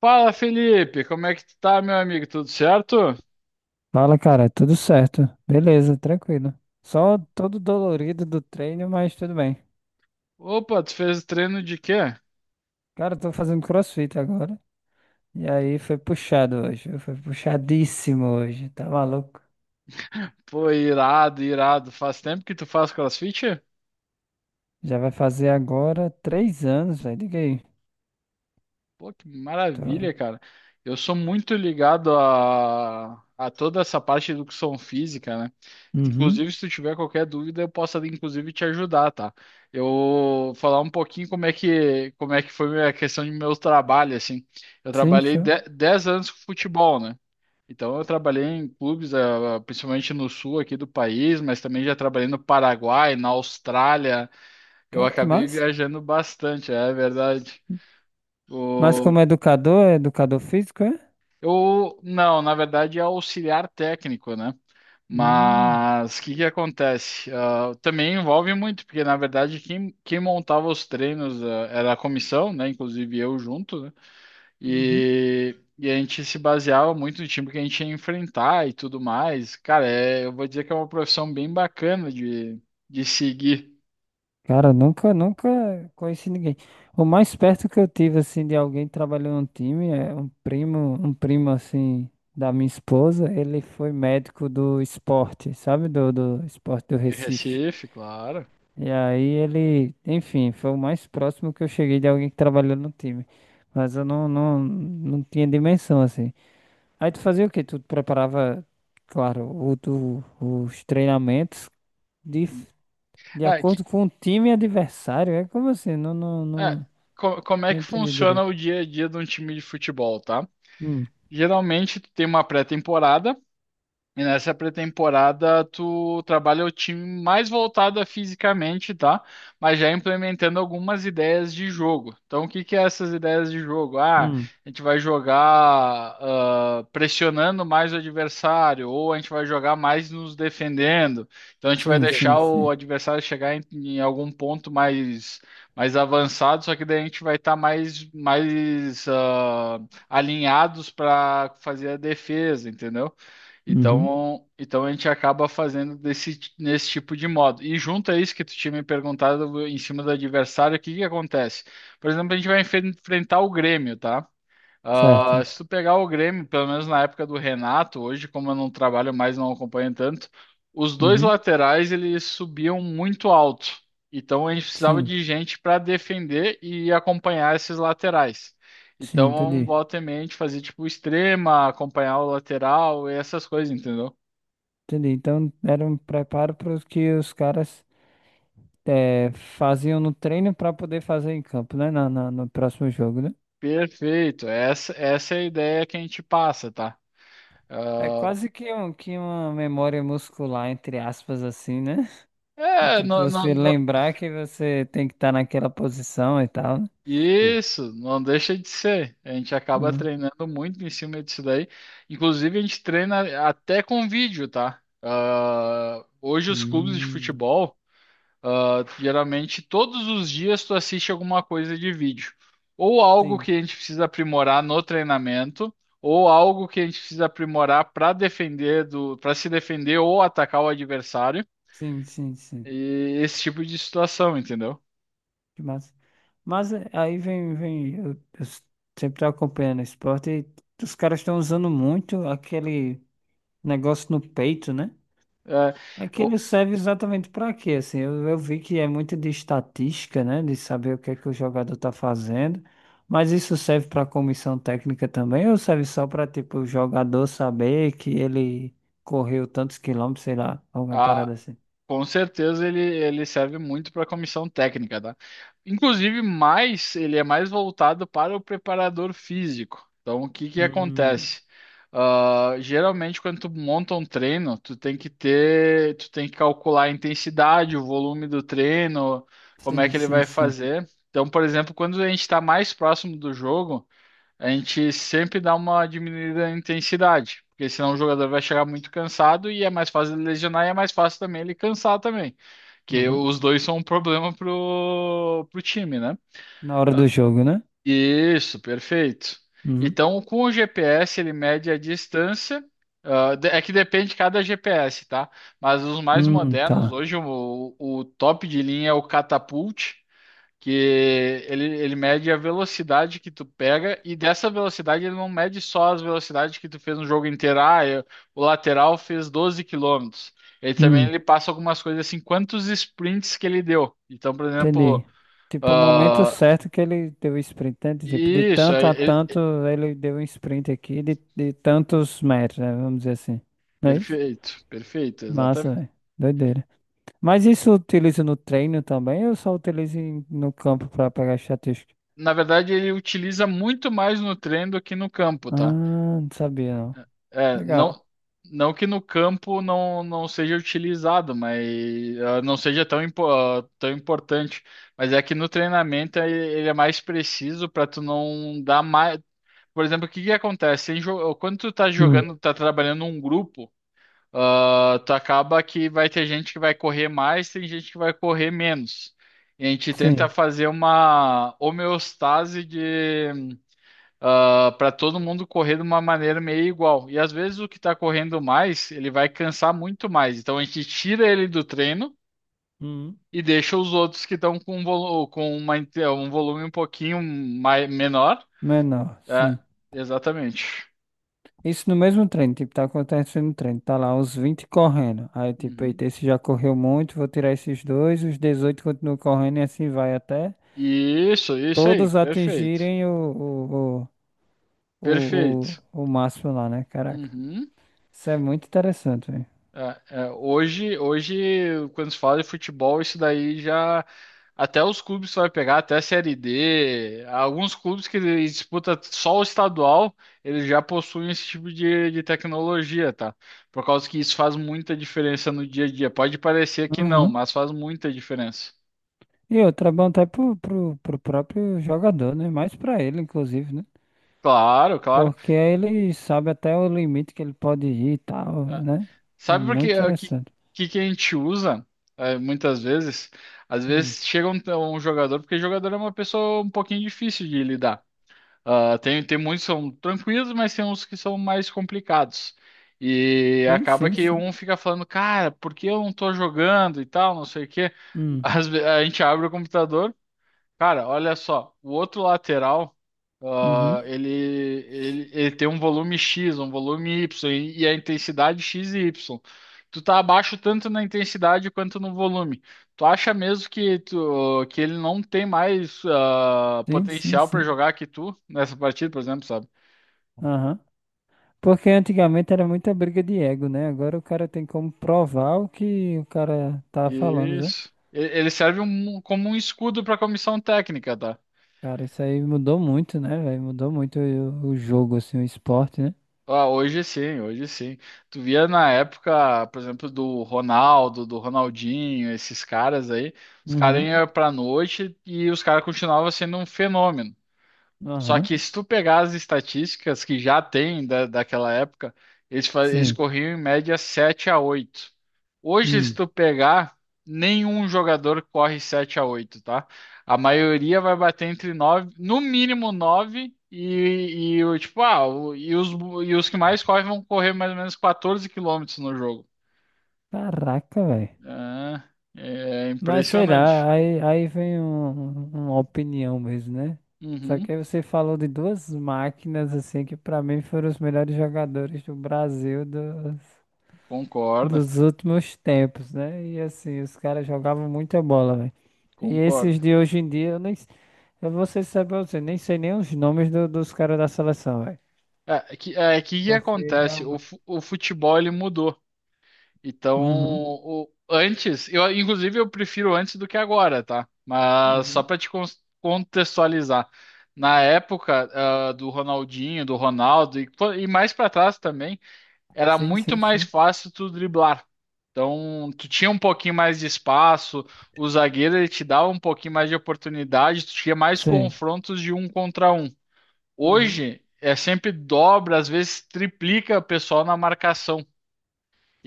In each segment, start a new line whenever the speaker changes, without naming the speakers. Fala, Felipe, como é que tu tá, meu amigo? Tudo certo?
Fala, cara, tudo certo. Beleza, tranquilo. Só todo dolorido do treino, mas tudo bem.
Opa, tu fez treino de quê?
Cara, eu tô fazendo CrossFit agora. E aí foi puxado hoje. Foi puxadíssimo hoje. Tá maluco?
Pô, irado, irado. Faz tempo que tu faz CrossFit?
Já vai fazer agora 3 anos, velho. Diga aí.
Pô, que
Tô...
maravilha, cara. Eu sou muito ligado a toda essa parte de educação física, né?
Uhum.
Inclusive, se tu tiver qualquer dúvida, eu posso, inclusive, te ajudar, tá? Eu vou falar um pouquinho como é que foi a questão de meu trabalho, assim. Eu
Sim,
trabalhei
show.
10 anos com futebol, né? Então, eu trabalhei em clubes, principalmente no sul aqui do país, mas também já trabalhei no Paraguai, na Austrália. Eu
Cara, que
acabei
massa.
viajando bastante, é verdade.
Mas
O...
como educador, é educador físico, é?
Eu, não, na verdade é auxiliar técnico, né?
Hum.
Mas o que que acontece? Também envolve muito, porque na verdade quem montava os treinos, era a comissão, né? Inclusive eu junto, né?
Uhum.
E a gente se baseava muito no time que a gente ia enfrentar e tudo mais. Cara, é, eu vou dizer que é uma profissão bem bacana de seguir
Cara, nunca conheci ninguém. O mais perto que eu tive, assim, de alguém trabalhando no time é um primo, assim, da minha esposa. Ele foi médico do esporte, sabe? Do esporte do
de
Recife.
Recife, claro.
E aí ele, enfim, foi o mais próximo que eu cheguei de alguém que trabalhou no time. Mas eu não tinha dimensão, assim. Aí tu fazia o quê? Tu preparava, claro, os treinamentos de de
É, que,
acordo com o time adversário? É como assim?
é,
Não,
Como é
não
que
entendi
funciona
direito.
o dia a dia de um time de futebol, tá?
Hum,
Geralmente tu tem uma pré-temporada. E nessa pré-temporada, tu trabalha o time mais voltado a fisicamente, tá? Mas já implementando algumas ideias de jogo. Então, o que que é essas ideias de jogo?
hum.
A gente vai jogar pressionando mais o adversário, ou a gente vai jogar mais nos defendendo. Então, a gente vai
Sim, sim,
deixar o
sim.
adversário chegar em algum ponto mais, mais avançado, só que daí a gente vai estar mais alinhados para fazer a defesa, entendeu?
Uhum.
Então, a gente acaba fazendo nesse tipo de modo. E junto a isso que tu tinha me perguntado em cima do adversário, o que que acontece? Por exemplo, a gente vai enfrentar o Grêmio, tá?
Certo.
Se tu pegar o Grêmio, pelo menos na época do Renato, hoje, como eu não trabalho mais, não acompanho tanto, os dois
Uhum.
laterais eles subiam muito alto. Então a gente precisava
Sim,
de gente para defender e acompanhar esses laterais.
sim,
Então,
entendi.
volta e meia, a gente fazia tipo extrema, acompanhar o lateral e essas coisas, entendeu?
Entendi. Então era um preparo para os que os caras eh, faziam no treino para poder fazer em campo, né? No próximo jogo, né?
Perfeito, essa é a ideia que a gente passa, tá?
É
Ah,
quase que uma memória muscular, entre aspas, assim, né? De,
É,
tipo,
não.
você lembrar que você tem que estar naquela posição e tal, né?
Isso, não deixa de ser. A gente acaba
Hum.
treinando muito em cima disso daí. Inclusive, a gente treina até com vídeo, tá? Hoje, os clubes de
Hum.
futebol, geralmente, todos os dias tu assiste alguma coisa de vídeo. Ou algo que
Sim.
a gente precisa aprimorar no treinamento, ou algo que a gente precisa aprimorar para para se defender ou atacar o adversário.
Sim, sim, sim.
E esse tipo de situação, entendeu?
Que massa. Mas aí vem, sempre tô acompanhando esporte e os caras estão usando muito aquele negócio no peito, né?
É,
Aquele
o-
serve exatamente para quê? Assim, eu vi que é muito de estatística, né? De saber o que é que o jogador tá fazendo. Mas isso serve para comissão técnica também ou serve só para tipo o jogador saber que ele correu tantos quilômetros, sei lá, alguma
a-
parada assim?
Com certeza ele serve muito para comissão técnica, tá? Inclusive, mais ele é mais voltado para o preparador físico. Então, o que que
Hum,
acontece? Geralmente, quando tu monta um treino, tu tem que calcular a intensidade, o volume do treino, como é
sim,
que ele
sim,
vai
sim.
fazer. Então, por exemplo, quando a gente está mais próximo do jogo, a gente sempre dá uma diminuída na intensidade, porque senão o jogador vai chegar muito cansado e é mais fácil ele lesionar e é mais fácil também ele cansar também, que os dois são um problema pro time, né?
Na hora do jogo, né?
Isso, perfeito.
Uhum.
Então, com o GPS, ele mede a distância. É que depende de cada GPS, tá? Mas os mais modernos,
Tá.
hoje o top de linha é o Catapult, que ele mede a velocidade que tu pega e dessa velocidade ele não mede só as velocidades que tu fez no jogo inteiro. O lateral fez 12 quilômetros. Ele também
Hum,
ele passa algumas coisas assim, quantos sprints que ele deu. Então, por exemplo,
entendi. Tipo, o momento
ah,
certo que ele deu o sprint, né? De tipo, de
isso, é,
tanto a
ele-
tanto, ele deu um sprint aqui de tantos metros, né? Vamos dizer assim. Não é isso?
perfeito, perfeito,
Massa,
exatamente.
velho. Doideira. Mas isso utiliza no treino também ou só utiliza no campo pra pegar estatística?
Na verdade, ele utiliza muito mais no treino do que no campo,
Ah,
tá?
não sabia, não.
É,
Legal.
não, não que no campo não seja utilizado, mas não seja tão, tão importante. Mas é que no treinamento ele é mais preciso para tu não dar mais. Por exemplo, o que que acontece? Quando tu tá
Hum,
jogando, tá trabalhando um grupo, tu acaba que vai ter gente que vai correr mais, tem gente que vai correr menos. E a gente tenta
sim.
fazer uma homeostase para todo mundo correr de uma maneira meio igual. E às vezes o que está correndo mais, ele vai cansar muito mais. Então a gente tira ele do treino
Hum.
e deixa os outros que estão com um volume um pouquinho menor.
Menor,
É,
sim.
exatamente.
Isso no mesmo treino, tipo, tá acontecendo no treino, tá lá os 20 correndo. Aí, tipo,
Uhum.
eita, esse já correu muito, vou tirar esses dois, os 18 continuam correndo e assim vai até
Isso aí,
todos
perfeito.
atingirem
Perfeito.
o máximo lá, né? Caraca,
Uhum.
isso é muito interessante, velho.
Hoje, quando se fala de futebol, isso daí já. Até os clubes vai pegar, até a Série D. Alguns clubes que disputam só o estadual, eles já possuem esse tipo de tecnologia, tá? Por causa que isso faz muita diferença no dia a dia. Pode parecer que não,
Uhum.
mas faz muita diferença.
E outra, é bom até pro próprio jogador, né? Mais pra ele, inclusive, né?
Claro, claro.
Porque aí ele sabe até o limite que ele pode ir e tal,
Ah,
né? É
Sabe por que,
muito interessante.
que a gente usa, muitas vezes? Às
Hum.
vezes chega um jogador, porque jogador é uma pessoa um pouquinho difícil de lidar. Tem muitos que são tranquilos, mas tem uns que são mais complicados. E
Sim,
acaba
sim,
que
sim.
um fica falando, cara, por que eu não tô jogando e tal, não sei o quê.
Hum.
A gente abre o computador, cara, olha só, o outro lateral,
Uhum.
ele tem um volume X, um volume Y e a intensidade X e Y. Tu tá abaixo tanto na intensidade quanto no volume. Tu acha mesmo que ele não tem mais
Sim, sim,
potencial para
sim.
jogar que tu nessa partida, por exemplo, sabe?
Aham. Porque antigamente era muita briga de ego, né? Agora o cara tem como provar o que o cara tá falando, né?
Isso. Ele serve como um escudo para a comissão técnica, tá?
Cara, isso aí mudou muito, né, velho? Mudou muito o jogo, assim, o esporte, né?
Hoje sim, hoje sim. Tu via na época, por exemplo, do Ronaldo, do Ronaldinho, esses caras aí, os caras
Uhum.
iam pra noite e os caras continuavam sendo um fenômeno. Só
Aham.
que se tu pegar as estatísticas que já tem daquela época, eles
Sim.
corriam em média 7 a 8. Hoje, se
Hum.
tu pegar, nenhum jogador corre 7 a 8, tá? A maioria vai bater entre 9, no mínimo 9 e o tipo, ah, o- e os que mais correm vão correr mais ou menos 14 quilômetros no jogo.
Caraca, velho.
É
Mas sei
impressionante.
lá, aí, aí vem um- um, uma opinião mesmo, né? Só que
Uhum,
aí você falou de duas máquinas, assim, que pra mim foram os melhores jogadores do Brasil
concordo,
dos últimos tempos, né? E assim, os caras jogavam muita bola, velho. E esses
concordo.
de hoje em dia, eu nem, eu vou ser sincero pra você, nem sei nem os nomes dos caras da seleção, velho.
É que
Porque
acontece?
realmente.
O futebol ele mudou. Então,
Uhum.
antes, eu inclusive eu prefiro antes do que agora, tá? Mas só
Uhum,
para te contextualizar, na época do Ronaldinho, do Ronaldo e, pô, mais para trás também, era
sim,
muito
sim,
mais
sim.
fácil tu driblar. Então, tu tinha um pouquinho mais de espaço, o zagueiro ele te dava um pouquinho mais de oportunidade, tu tinha mais
Sim.
confrontos de um contra um.
Uhum.
Hoje é sempre dobra, às vezes triplica o pessoal na marcação.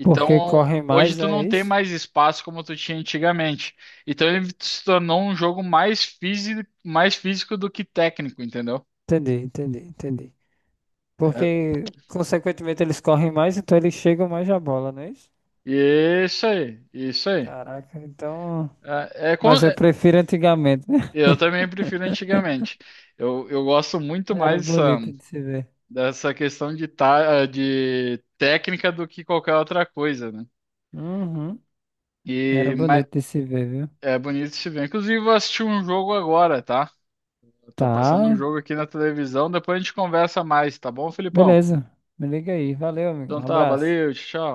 Porque correm
hoje
mais,
tu
é
não tem
isso?
mais espaço como tu tinha antigamente. Então ele se tornou um jogo mais físico do que técnico, entendeu?
Entendi, entendi, entendi.
É-
Porque, consequentemente, eles correm mais, então eles chegam mais à bola, não é isso?
Isso aí, isso aí.
Caraca, então.
É, é con-
Mas eu
é-
prefiro antigamente, né?
eu também prefiro antigamente. Eu gosto muito
Era
mais dessa,
bonito de se ver.
dessa questão de técnica do que qualquer outra coisa, né?
Uhum. Era
E,
bonito de se ver, viu?
É bonito se ver. Inclusive, vou assistir um jogo agora, tá? Tá passando um
Tá,
jogo aqui na televisão, depois a gente conversa mais, tá bom, Felipão?
beleza. Me liga aí. Valeu, amigo.
Então
Um
tá,
abraço.
valeu, tchau.